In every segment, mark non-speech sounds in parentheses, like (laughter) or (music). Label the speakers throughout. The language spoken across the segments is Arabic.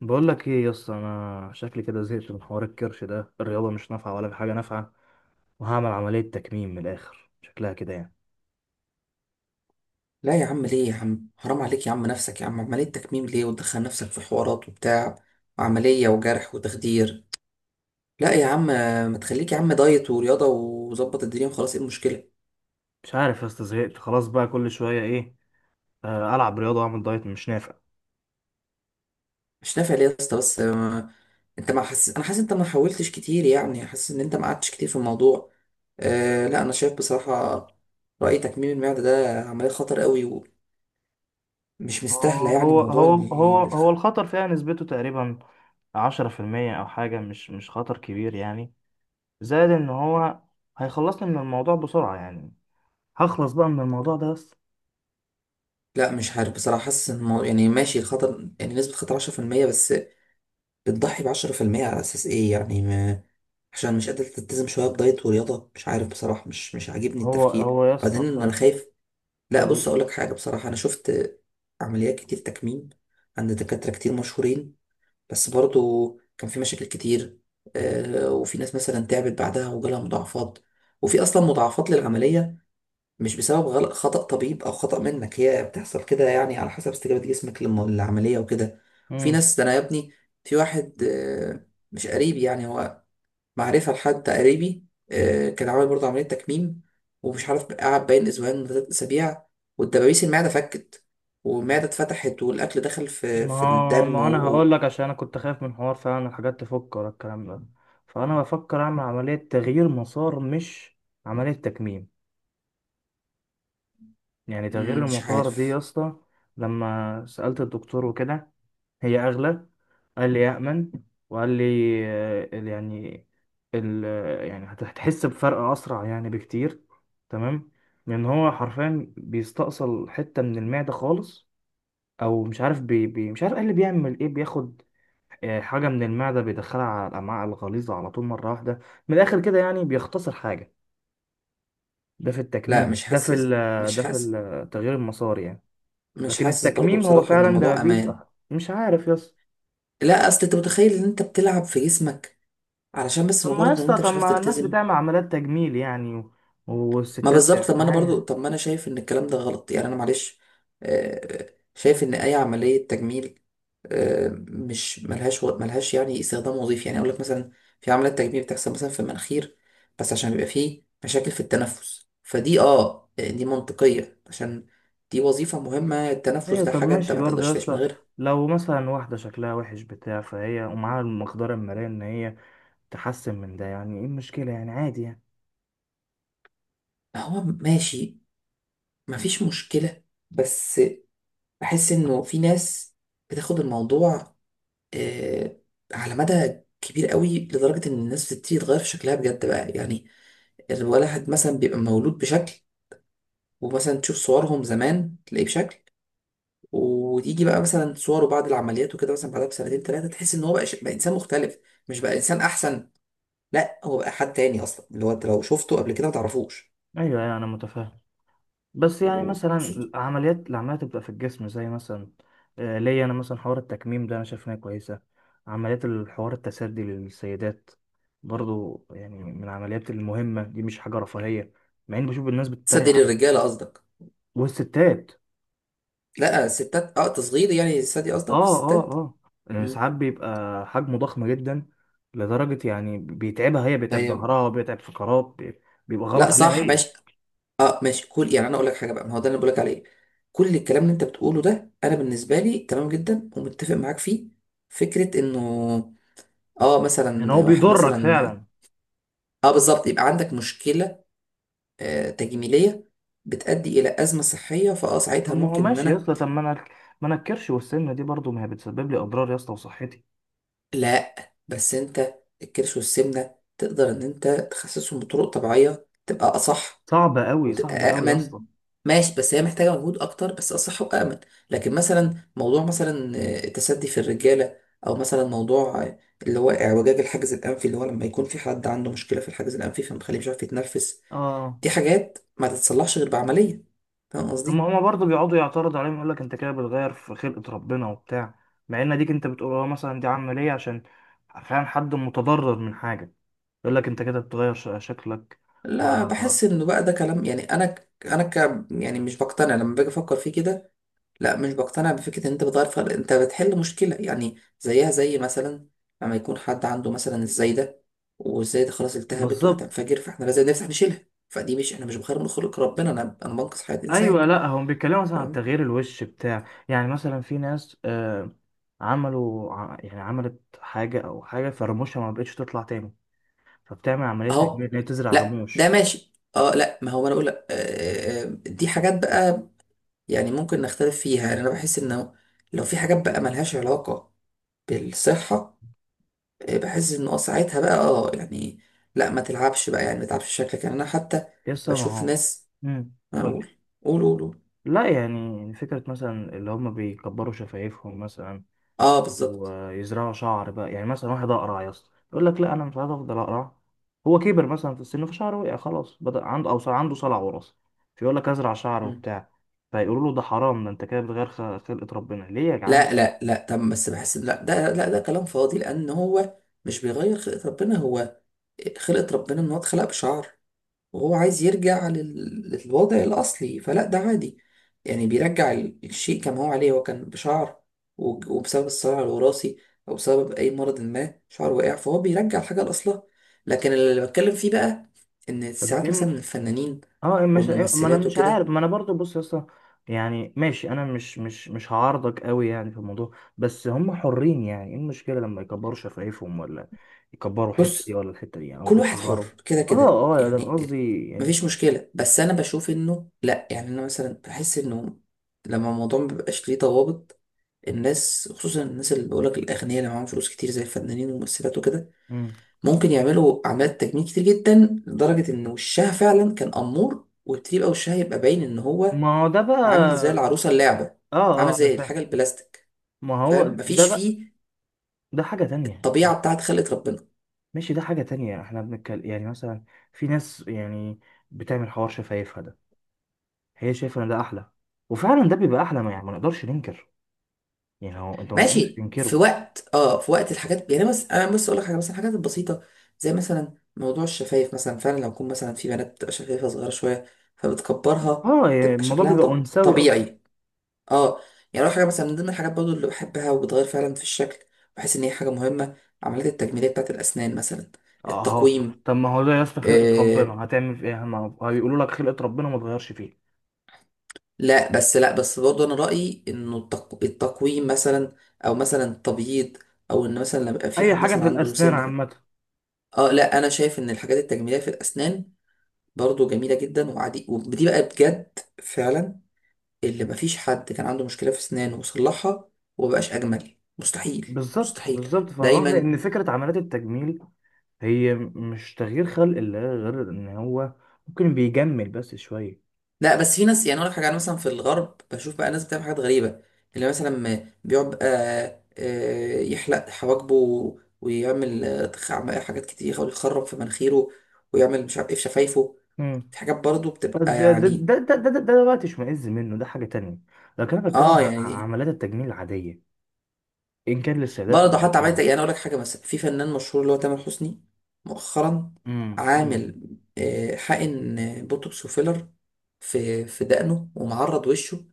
Speaker 1: بقول لك ايه يا اسطى، انا شكلي كده زهقت من حوار الكرش ده. الرياضه مش نافعه ولا في حاجه نافعه، وهعمل عمليه تكميم من الاخر شكلها كده يعني.
Speaker 2: لا يا عم، ليه يا عم؟ حرام عليك يا عم، نفسك يا عم عملية تكميم ليه؟ وتدخل نفسك في حوارات وبتاع وعملية وجرح وتخدير. لا يا عم، ما تخليك يا عم دايت ورياضة وظبط الدنيا وخلاص. ايه المشكلة؟
Speaker 1: مش عارف يا اسطى، زهقت خلاص بقى. كل شويه ايه، العب رياضه واعمل دايت مش نافع.
Speaker 2: مش نافع ليه يا اسطى؟ بس. انت ما حاسس؟ انا حاسس انت ما حاولتش كتير، يعني حاسس ان انت ما قعدتش كتير في الموضوع. أه لا، انا شايف بصراحة رأي تكميم المعدة ده عملية خطر قوي ومش مستاهلة.
Speaker 1: آه،
Speaker 2: يعني
Speaker 1: هو
Speaker 2: موضوع
Speaker 1: هو هو هو الخطر فيها نسبته تقريبا 10% او حاجه، مش مش خطر كبير يعني. زائد ان هو هيخلصني من الموضوع بسرعه يعني، هخلص بقى من الموضوع ده بس.
Speaker 2: لا مش عارف بصراحة، حاسس ان يعني ماشي الخطر، يعني نسبة خطر 10% بس. بتضحي بعشرة في المية على أساس إيه؟ يعني ما عشان مش قادر تلتزم شوية بدايت ورياضة، مش عارف بصراحة، مش عاجبني
Speaker 1: هو
Speaker 2: التفكير
Speaker 1: هو يا اسطى
Speaker 2: بعدين إن أنا
Speaker 1: بصراحة.
Speaker 2: خايف. لا بص
Speaker 1: آه،
Speaker 2: أقولك حاجة بصراحة، أنا شفت عمليات كتير تكميم عند دكاترة كتير مشهورين، بس برضو كان في مشاكل كتير. وفي ناس مثلا تعبت بعدها وجالها مضاعفات، وفي أصلا مضاعفات للعملية، مش بسبب غلط خطأ طبيب او خطأ منك، هي بتحصل كده يعني على حسب استجابة جسمك للعملية وكده. في
Speaker 1: قول.
Speaker 2: ناس، ده انا يا ابني، في واحد مش قريبي، يعني هو معرفة لحد قريبي، كان عامل برضه عملية تكميم، ومش عارف قعد باين اسبوعين ولا تلات اسابيع والدبابيس المعدة فكت والمعدة اتفتحت والاكل دخل في
Speaker 1: ما
Speaker 2: الدم
Speaker 1: ما انا هقول لك، عشان انا كنت خايف من حوار فعلا الحاجات تفك ولا الكلام ده. فانا بفكر اعمل عمليه تغيير مسار مش عمليه تكميم. يعني تغيير
Speaker 2: مش
Speaker 1: المسار دي يا
Speaker 2: عارف.
Speaker 1: اسطى، لما سالت الدكتور وكده، هي اغلى. قال لي يامن، وقال لي يعني ال آه، يعني هتحس بفرق اسرع يعني بكتير. تمام؟ لان هو حرفيا بيستأصل حته من المعده خالص. او مش عارف، بي بي مش عارف، قال لي بيعمل ايه، بياخد حاجة من المعدة بيدخلها على الأمعاء الغليظة على طول مرة واحدة. من الآخر كده يعني، بيختصر حاجة. ده في
Speaker 2: لا
Speaker 1: التكميم، ده في التغيير المساري يعني.
Speaker 2: مش
Speaker 1: لكن
Speaker 2: حاسس برضه
Speaker 1: التكميم هو
Speaker 2: بصراحة ان
Speaker 1: فعلا
Speaker 2: الموضوع
Speaker 1: دبابيس،
Speaker 2: امان.
Speaker 1: مش عارف يا اسطى.
Speaker 2: لا اصل انت متخيل ان انت بتلعب في جسمك علشان بس
Speaker 1: طب ما يا
Speaker 2: مجرد ان
Speaker 1: اسطى،
Speaker 2: انت
Speaker 1: طب
Speaker 2: مش عارف
Speaker 1: ما الناس
Speaker 2: تلتزم.
Speaker 1: بتعمل عمليات تجميل يعني،
Speaker 2: ما
Speaker 1: والستات
Speaker 2: بالظبط، طب ما انا برضو،
Speaker 1: معايا.
Speaker 2: طب ما انا شايف ان الكلام ده غلط يعني، انا معلش آه، شايف ان اي عمليه تجميل مش ملهاش ملهاش يعني استخدام وظيفي. يعني اقول لك مثلا في عمليه تجميل بتحصل مثلا في المناخير، بس عشان بيبقى فيه مشاكل في التنفس، فدي دي منطقيه عشان دي وظيفه مهمه، التنفس
Speaker 1: ايوه
Speaker 2: ده
Speaker 1: طب
Speaker 2: حاجه انت
Speaker 1: ماشي
Speaker 2: ما
Speaker 1: برضه يا
Speaker 2: تقدرش تعيش من
Speaker 1: اسطى،
Speaker 2: غيرها.
Speaker 1: لو مثلا واحدة شكلها وحش بتاع، فهي ومعاها المقدرة المالية إن هي تحسن من ده، يعني ايه المشكلة يعني؟ عادي يعني.
Speaker 2: هو ماشي، مفيش مشكله، بس بحس انه في ناس بتاخد الموضوع آه، على مدى كبير قوي لدرجة إن الناس بتبتدي تغير في شكلها بجد بقى. يعني الواحد مثلا بيبقى مولود بشكل، ومثلا تشوف صورهم زمان تلاقيه بشكل، وتيجي بقى مثلا صوره بعد العمليات وكده مثلا بعدها بسنتين ثلاثة تحس إن هو بقى إنسان مختلف. مش بقى إنسان أحسن، لا هو بقى حد تاني أصلا اللي هو أنت لو شفته قبل كده ما تعرفوش.
Speaker 1: ايوه، انا متفاهم. بس يعني
Speaker 2: وخصوصا...
Speaker 1: مثلا العمليات بتبقى في الجسم، زي مثلا ليا انا مثلا حوار التكميم ده انا شايف انها كويسه. عمليات الحوار التسدي للسيدات برضو، يعني من العمليات المهمه دي، مش حاجه رفاهيه، مع اني بشوف الناس
Speaker 2: تصدق
Speaker 1: بتتريق عليه.
Speaker 2: للرجالة قصدك؟
Speaker 1: والستات،
Speaker 2: لا الستات، تصغير يعني، الستات دي قصدك، في
Speaker 1: اه اه
Speaker 2: الستات.
Speaker 1: اه، يعني
Speaker 2: مم.
Speaker 1: ساعات بيبقى حجمه ضخم جدا لدرجه يعني بيتعبها هي، بيتعب
Speaker 2: طيب.
Speaker 1: ظهرها، بيتعب بيبقى
Speaker 2: لا
Speaker 1: غلط عليها
Speaker 2: صح
Speaker 1: هي،
Speaker 2: ماشي، اه ماشي. كل يعني انا اقول لك حاجه بقى، ما هو ده اللي بقول لك عليه، كل الكلام اللي انت بتقوله ده انا بالنسبه لي تمام جدا ومتفق معاك فيه. فكره انه اه
Speaker 1: يعني هو
Speaker 2: مثلا واحد
Speaker 1: بيضرك
Speaker 2: مثلا،
Speaker 1: فعلا.
Speaker 2: اه بالظبط، يبقى عندك مشكله تجميليه بتؤدي الى ازمه صحيه، فاه
Speaker 1: طب
Speaker 2: ساعتها
Speaker 1: ما هو
Speaker 2: ممكن ان
Speaker 1: ماشي يا
Speaker 2: انا...
Speaker 1: اسطى، طب ما انا، ما انا الكرش والسمنه دي برضو ما هي بتسبب لي اضرار يا اسطى وصحتي.
Speaker 2: لا بس انت الكرش والسمنه تقدر ان انت تخسسهم بطرق طبيعيه، تبقى اصح
Speaker 1: صعبه قوي،
Speaker 2: وتبقى
Speaker 1: صعبه قوي يا
Speaker 2: أأمن.
Speaker 1: اسطى.
Speaker 2: ماشي بس هي محتاجة مجهود أكتر بس أصح وأأمن. لكن مثلا موضوع مثلا التسدي في الرجالة، أو مثلا موضوع اللي هو اعوجاج الحاجز الأنفي، اللي هو لما يكون في حد عنده مشكلة في الحاجز الأنفي فمخليه مش عارف يتنفس،
Speaker 1: اه.
Speaker 2: دي حاجات ما تتصلحش غير بعملية. فاهم
Speaker 1: طب ما
Speaker 2: قصدي؟
Speaker 1: هما برضو بيقعدوا يعترضوا عليهم، يقول لك انت كده بتغير في خلقه ربنا وبتاع، مع ان ديك انت بتقول اه مثلا دي عمليه عشان فعلا حد متضرر من حاجه، يقول لك انت كده بتغير شكلك و...
Speaker 2: لا بحس إنه بقى ده كلام، يعني أنا يعني مش بقتنع لما باجي أفكر فيه كده. لا مش بقتنع بفكرة ان انت بتغير، فرق انت بتحل مشكلة يعني، زيها زي مثلا لما يكون حد عنده مثلا الزايدة والزايدة خلاص التهبت
Speaker 1: بالظبط.
Speaker 2: وهتنفجر فاحنا لازم نفتح نشيلها، فدي مش احنا مش بخير من خلق ربنا، انا انا بنقص حياة انسان.
Speaker 1: ايوه، لا هم بيتكلموا مثلا عن
Speaker 2: فاهم.
Speaker 1: تغيير الوش بتاع، يعني مثلا في ناس آه يعني عملت حاجه، او حاجه فرموشها ما بقتش تطلع تاني، فبتعمل عملية
Speaker 2: اهو.
Speaker 1: تجميل إن هي تزرع
Speaker 2: لا ده
Speaker 1: رموش.
Speaker 2: ماشي، اه. لا ما هو انا اقول لك دي حاجات بقى يعني ممكن نختلف فيها، يعني انا بحس انه لو في حاجات بقى ملهاش علاقة بالصحة، بحس ان ساعتها بقى يعني لا ما تلعبش بقى، يعني ما تلعبش شكلك. يعني انا حتى
Speaker 1: يس ما
Speaker 2: بشوف
Speaker 1: هو،
Speaker 2: ناس...
Speaker 1: امم،
Speaker 2: ما
Speaker 1: قولي.
Speaker 2: اقول، قول قول قول.
Speaker 1: لا، يعني فكرة مثلا اللي هم بيكبروا شفايفهم مثلا
Speaker 2: اه بالظبط.
Speaker 1: ويزرعوا شعر بقى، يعني مثلا واحد أقرع يا اسطى يقول لك لا أنا مش عايز أفضل أقرع، هو كبر مثلا في السن فشعره وقع خلاص، بدأ عنده أو صار عنده صلع وراثي، فيقول لك أزرع شعر
Speaker 2: مم.
Speaker 1: وبتاع، فيقولوا له ده حرام، ده أنت كده بتغير خلقة ربنا، ليه يا جعان؟
Speaker 2: لا لا لا، طب بس بحس لا ده كلام فاضي لان هو مش بيغير خلقة ربنا، هو خلقة ربنا ان هو اتخلق بشعر وهو عايز يرجع للوضع الأصلي، فلا ده عادي يعني بيرجع الشيء كما هو عليه. هو كان بشعر وبسبب الصراع الوراثي أو بسبب أي مرض ما شعره وقع، فهو بيرجع الحاجة لأصلها. لكن اللي بتكلم فيه بقى إن
Speaker 1: طب
Speaker 2: ساعات
Speaker 1: إيه.
Speaker 2: مثلا الفنانين
Speaker 1: اه مش ما انا
Speaker 2: والممثلات
Speaker 1: مش عارف،
Speaker 2: وكده...
Speaker 1: ما انا برضو بص يا اسطى، يعني ماشي، انا مش هعارضك قوي يعني في الموضوع، بس هم حرين، يعني ايه المشكله لما يكبروا شفايفهم، ولا يكبروا الحته
Speaker 2: بص
Speaker 1: دي ولا الحته دي يعني، او
Speaker 2: كل واحد حر
Speaker 1: يصغروا؟
Speaker 2: كده
Speaker 1: اه
Speaker 2: كده
Speaker 1: اه، يعني أنا
Speaker 2: يعني.
Speaker 1: قصدي يعني.
Speaker 2: مفيش مشكلة، بس أنا بشوف إنه لأ، يعني أنا مثلا بحس إنه لما الموضوع مبيبقاش ليه ضوابط، الناس خصوصا الناس اللي بقولك الأغنياء اللي معاهم فلوس كتير زي الفنانين والممثلات وكده
Speaker 1: مم.
Speaker 2: ممكن يعملوا أعمال تجميل كتير جدا لدرجة إن وشها فعلا كان أمور وتبقى وشها يبقى باين إن هو
Speaker 1: ما هو ده
Speaker 2: عامل زي
Speaker 1: بقى.
Speaker 2: العروسة اللعبة،
Speaker 1: اه
Speaker 2: عامل
Speaker 1: اه انا
Speaker 2: زي الحاجة
Speaker 1: فاهم.
Speaker 2: البلاستيك.
Speaker 1: ما هو
Speaker 2: فاهم؟
Speaker 1: ده
Speaker 2: مفيش
Speaker 1: بقى
Speaker 2: فيه
Speaker 1: ده حاجه تانية.
Speaker 2: الطبيعة بتاعت خلقة ربنا.
Speaker 1: ماشي، ده حاجه تانية. احنا بنتكلم يعني مثلا في ناس يعني بتعمل حوار شفايفها ده، هي شايفه ان ده احلى، وفعلا ده بيبقى احلى، ما يعني ما نقدرش ننكر، يعني هو انت ما تقدرش
Speaker 2: ماشي في
Speaker 1: تنكره.
Speaker 2: وقت، اه في وقت الحاجات يعني. بس انا بس اقول لك حاجه، مثلا الحاجات البسيطه زي مثلا موضوع الشفايف مثلا، فعلا لو يكون مثلا في بنات بتبقى شفايفها صغيره شويه فبتكبرها
Speaker 1: اه، يعني
Speaker 2: تبقى
Speaker 1: الموضوع
Speaker 2: شكلها
Speaker 1: بيبقى
Speaker 2: طب
Speaker 1: انثوي اكتر.
Speaker 2: طبيعي، اه. يعني اول حاجه مثلا من ضمن الحاجات برضو اللي بحبها وبتغير فعلا في الشكل، بحس ان هي حاجه مهمه، عمليات التجميليه بتاعت الاسنان مثلا،
Speaker 1: اه.
Speaker 2: التقويم.
Speaker 1: طب ما هو ده يا اسطى، خلقة
Speaker 2: آه
Speaker 1: ربنا هتعمل في ايه؟ ما هيقولوا لك خلقة ربنا ما تغيرش فيه.
Speaker 2: لا بس برضو انا رايي انه التقويم مثلا، او مثلا تبييض، او ان مثلا لما يبقى في
Speaker 1: اي
Speaker 2: حد
Speaker 1: حاجة
Speaker 2: مثلا
Speaker 1: في
Speaker 2: عنده
Speaker 1: الاسنان
Speaker 2: سنه،
Speaker 1: عامة.
Speaker 2: اه لا انا شايف ان الحاجات التجميليه في الاسنان برضو جميله جدا وعادي، ودي بقى بجد فعلا اللي مفيش حد كان عنده مشكله في اسنانه وصلحها ومبقاش اجمل، مستحيل
Speaker 1: بالظبط،
Speaker 2: مستحيل.
Speaker 1: بالظبط. فانا قصدي
Speaker 2: دايما.
Speaker 1: ان فكرة عمليات التجميل هي مش تغيير خلق الله، غير ان هو ممكن بيجمل بس شوية.
Speaker 2: لا بس في ناس، يعني اقول لك حاجه، انا مثلا في الغرب بشوف بقى ناس بتعمل حاجات غريبه، اللي مثلا بيقعد يحلق حواجبه، ويعمل حاجات كتير، يحاول يخرم في مناخيره ويعمل مش عارف ايه في شفايفه.
Speaker 1: مم.
Speaker 2: في حاجات برضو بتبقى
Speaker 1: ده ده ده
Speaker 2: يعني
Speaker 1: ده بقى تشمئز منه ده حاجة تانية، لكن انا بتكلم
Speaker 2: اه
Speaker 1: عن
Speaker 2: يعني.
Speaker 1: عمليات التجميل العادية، ان كان للسيدات او
Speaker 2: برضه حتى عملت،
Speaker 1: الرجالة.
Speaker 2: يعني اقول لك حاجه، مثلا في فنان مشهور اللي هو تامر حسني مؤخرا
Speaker 1: امم.
Speaker 2: عامل حقن بوتوكس وفيلر في دقنه ومعرض وشه،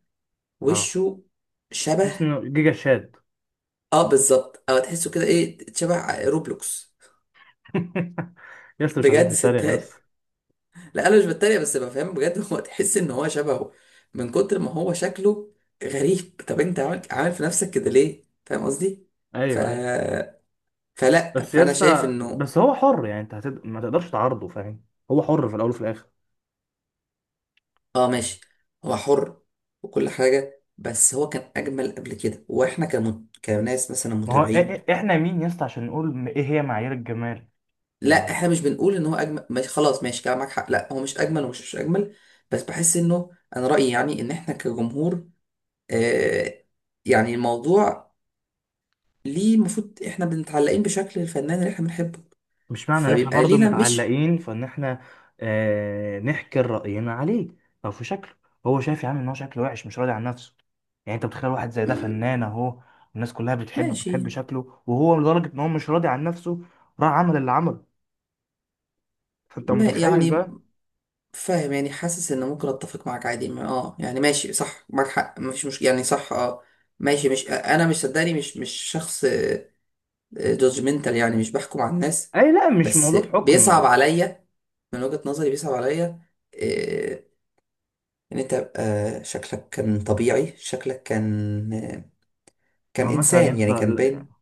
Speaker 1: اه،
Speaker 2: وشه شبه،
Speaker 1: اسمه جيجا شاد.
Speaker 2: اه بالظبط. او تحسه كده ايه، شبه روبلوكس.
Speaker 1: (laughs) يا اسطى مش عايزين
Speaker 2: بجد
Speaker 1: نتريق يا اسطى.
Speaker 2: صدقني، لا انا مش بتريق بس بفهم بجد. (laughs) هو تحس ان هو شبهه من كتر ما هو شكله غريب. طب انت عامل عامل في نفسك كده ليه؟ فاهم قصدي؟ ف
Speaker 1: ايوه ايوه.
Speaker 2: فلا،
Speaker 1: بس يا
Speaker 2: فانا شايف
Speaker 1: اسطى،
Speaker 2: انه...
Speaker 1: بس هو حر يعني، انت ما تقدرش تعارضه، فاهم؟ هو حر في الاول وفي الاخر.
Speaker 2: اه ماشي، هو حر وكل حاجه، بس هو كان اجمل قبل كده واحنا كناس مثلا
Speaker 1: ما هو
Speaker 2: متابعين.
Speaker 1: احنا مين يا اسطى عشان نقول ايه هي معايير الجمال؟
Speaker 2: لا
Speaker 1: يعني
Speaker 2: احنا مش بنقول ان هو اجمل، ماشي خلاص ماشي كلامك حق، لا هو مش اجمل ومش مش اجمل، بس بحس انه انا رايي يعني ان احنا كجمهور آه يعني الموضوع، ليه المفروض احنا بنتعلقين بشكل الفنان اللي احنا بنحبه
Speaker 1: مش معنى ان احنا
Speaker 2: فبيبقى
Speaker 1: برضه
Speaker 2: لينا مش...
Speaker 1: متعلقين فان احنا نحكر رأينا عليه او في شكله. هو شايف يا عم ان هو شكله وحش، مش راضي عن نفسه. يعني انت بتخيل واحد زي ده
Speaker 2: مم،
Speaker 1: فنان اهو، الناس كلها بتحبه،
Speaker 2: ماشي.
Speaker 1: بتحب شكله، وهو لدرجة ان هو مش راضي عن نفسه، راح عمل اللي عمله، فانت
Speaker 2: ما
Speaker 1: متخيل
Speaker 2: يعني
Speaker 1: بقى.
Speaker 2: فاهم يعني، حاسس ان ممكن اتفق معاك عادي يعني ماشي صح معاك حق، مفيش مش يعني صح ماشي. مش انا مش، صدقني مش مش شخص جادجمنتال يعني، مش بحكم على الناس.
Speaker 1: اي لا، مش
Speaker 2: بس
Speaker 1: موضوع حكم.
Speaker 2: بيصعب عليا، من وجهة نظري بيصعب عليا إيه، ان انت يبقى شكلك كان طبيعي، شكلك كان كان
Speaker 1: هو مثلا يا
Speaker 2: انسان يعني،
Speaker 1: اسطى
Speaker 2: كان باين.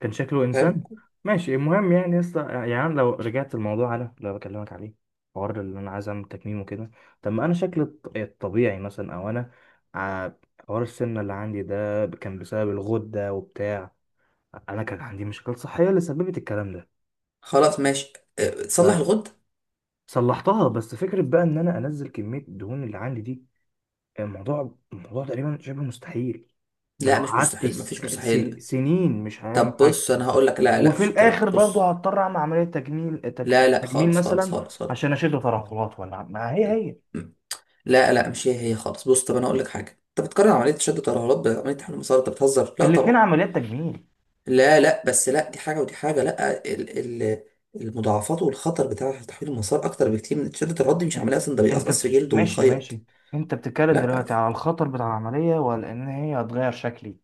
Speaker 1: كان شكله انسان.
Speaker 2: فاهم.
Speaker 1: ماشي، المهم يعني يا اسطى، يعني أنا لو رجعت الموضوع انا اللي أنا بكلمك عليه، حوار اللي انا عايز اعمل تكميم وكده، طب ما انا شكلي الطبيعي مثلا، او انا ع- حوار السمنه اللي عندي ده كان بسبب الغده وبتاع، انا كان عندي مشاكل صحيه اللي سببت الكلام ده
Speaker 2: خلاص ماشي. تصلح الغد.
Speaker 1: فصلحتها. بس فكره بقى ان انا انزل كميه الدهون اللي عندي دي، الموضوع تقريبا شبه مستحيل. ده لو
Speaker 2: لا مش
Speaker 1: قعدت
Speaker 2: مستحيل، مفيش مستحيل.
Speaker 1: سنين مش هعمل
Speaker 2: طب
Speaker 1: حاجة.
Speaker 2: بص انا هقول لك، لا لا
Speaker 1: وفي
Speaker 2: مفيش الكلام ده،
Speaker 1: الآخر برضه
Speaker 2: بص.
Speaker 1: هضطر أعمل عملية تجميل،
Speaker 2: لا لا
Speaker 1: تجميل
Speaker 2: خالص خالص
Speaker 1: مثلا
Speaker 2: خالص خالص.
Speaker 1: عشان أشد ترهلات، ولا ما هي هي.
Speaker 2: لا لا مش هي خالص، بص طب انا هقول لك حاجه، انت بتقارن عمليه شد الترهلات بعمليه تحمل المسار؟ انت بتهزر، لا
Speaker 1: الاتنين
Speaker 2: طبعا.
Speaker 1: عمليات تجميل.
Speaker 2: لا لا بس لا دي حاجة ودي حاجة، لا ال ال المضاعفات والخطر بتاع تحويل المسار أكتر بكتير من تيشيرت الرد، مش عملية أصلا ده
Speaker 1: أنت
Speaker 2: بيقصقص في جلده
Speaker 1: ماشي
Speaker 2: ويخيط.
Speaker 1: ماشي. أنت بتتكلم
Speaker 2: لا
Speaker 1: دلوقتي على الخطر بتاع العملية، ولا إن هي هتغير شكلي؟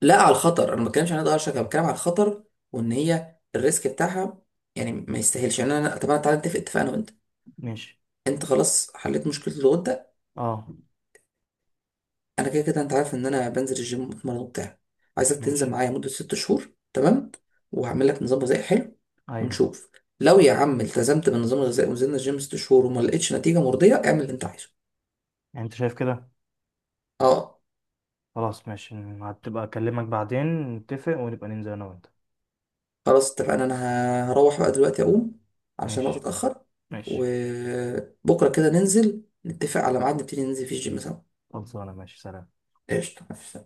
Speaker 2: لا، على الخطر أنا ما بتكلمش عن ضرر شكل، أنا بتكلم على الخطر وإن هي الريسك بتاعها يعني ما يستاهلش. يعني أنا، طب أنا تعالى نتفق، اتفق أنا وأنت،
Speaker 1: ماشي.
Speaker 2: أنت خلاص حليت مشكلة الغدة،
Speaker 1: أه
Speaker 2: انا كده كده انت عارف ان انا بنزل الجيم وبتمرن وبتاع، عايزك تنزل
Speaker 1: ماشي.
Speaker 2: معايا مده 6 شهور، تمام، وهعمل لك نظام غذائي حلو
Speaker 1: أيوه.
Speaker 2: ونشوف. لو يا عم التزمت بالنظام الغذائي ونزلنا الجيم 6 شهور وما لقيتش نتيجه مرضيه اعمل اللي انت عايزه.
Speaker 1: يعني أنت شايف كده؟
Speaker 2: اه
Speaker 1: خلاص ماشي، هتبقى أكلمك بعدين نتفق ونبقى ننزل أنا وأنت.
Speaker 2: خلاص اتفقنا، انا هروح بقى دلوقتي اقوم عشان الوقت
Speaker 1: ماشي
Speaker 2: اتاخر،
Speaker 1: ماشي.
Speaker 2: وبكره كده ننزل نتفق على ميعاد نبتدي ننزل فيه الجيم سوا.
Speaker 1: خلصانة، ماشي، سلام.
Speaker 2: قشطه، مفيش.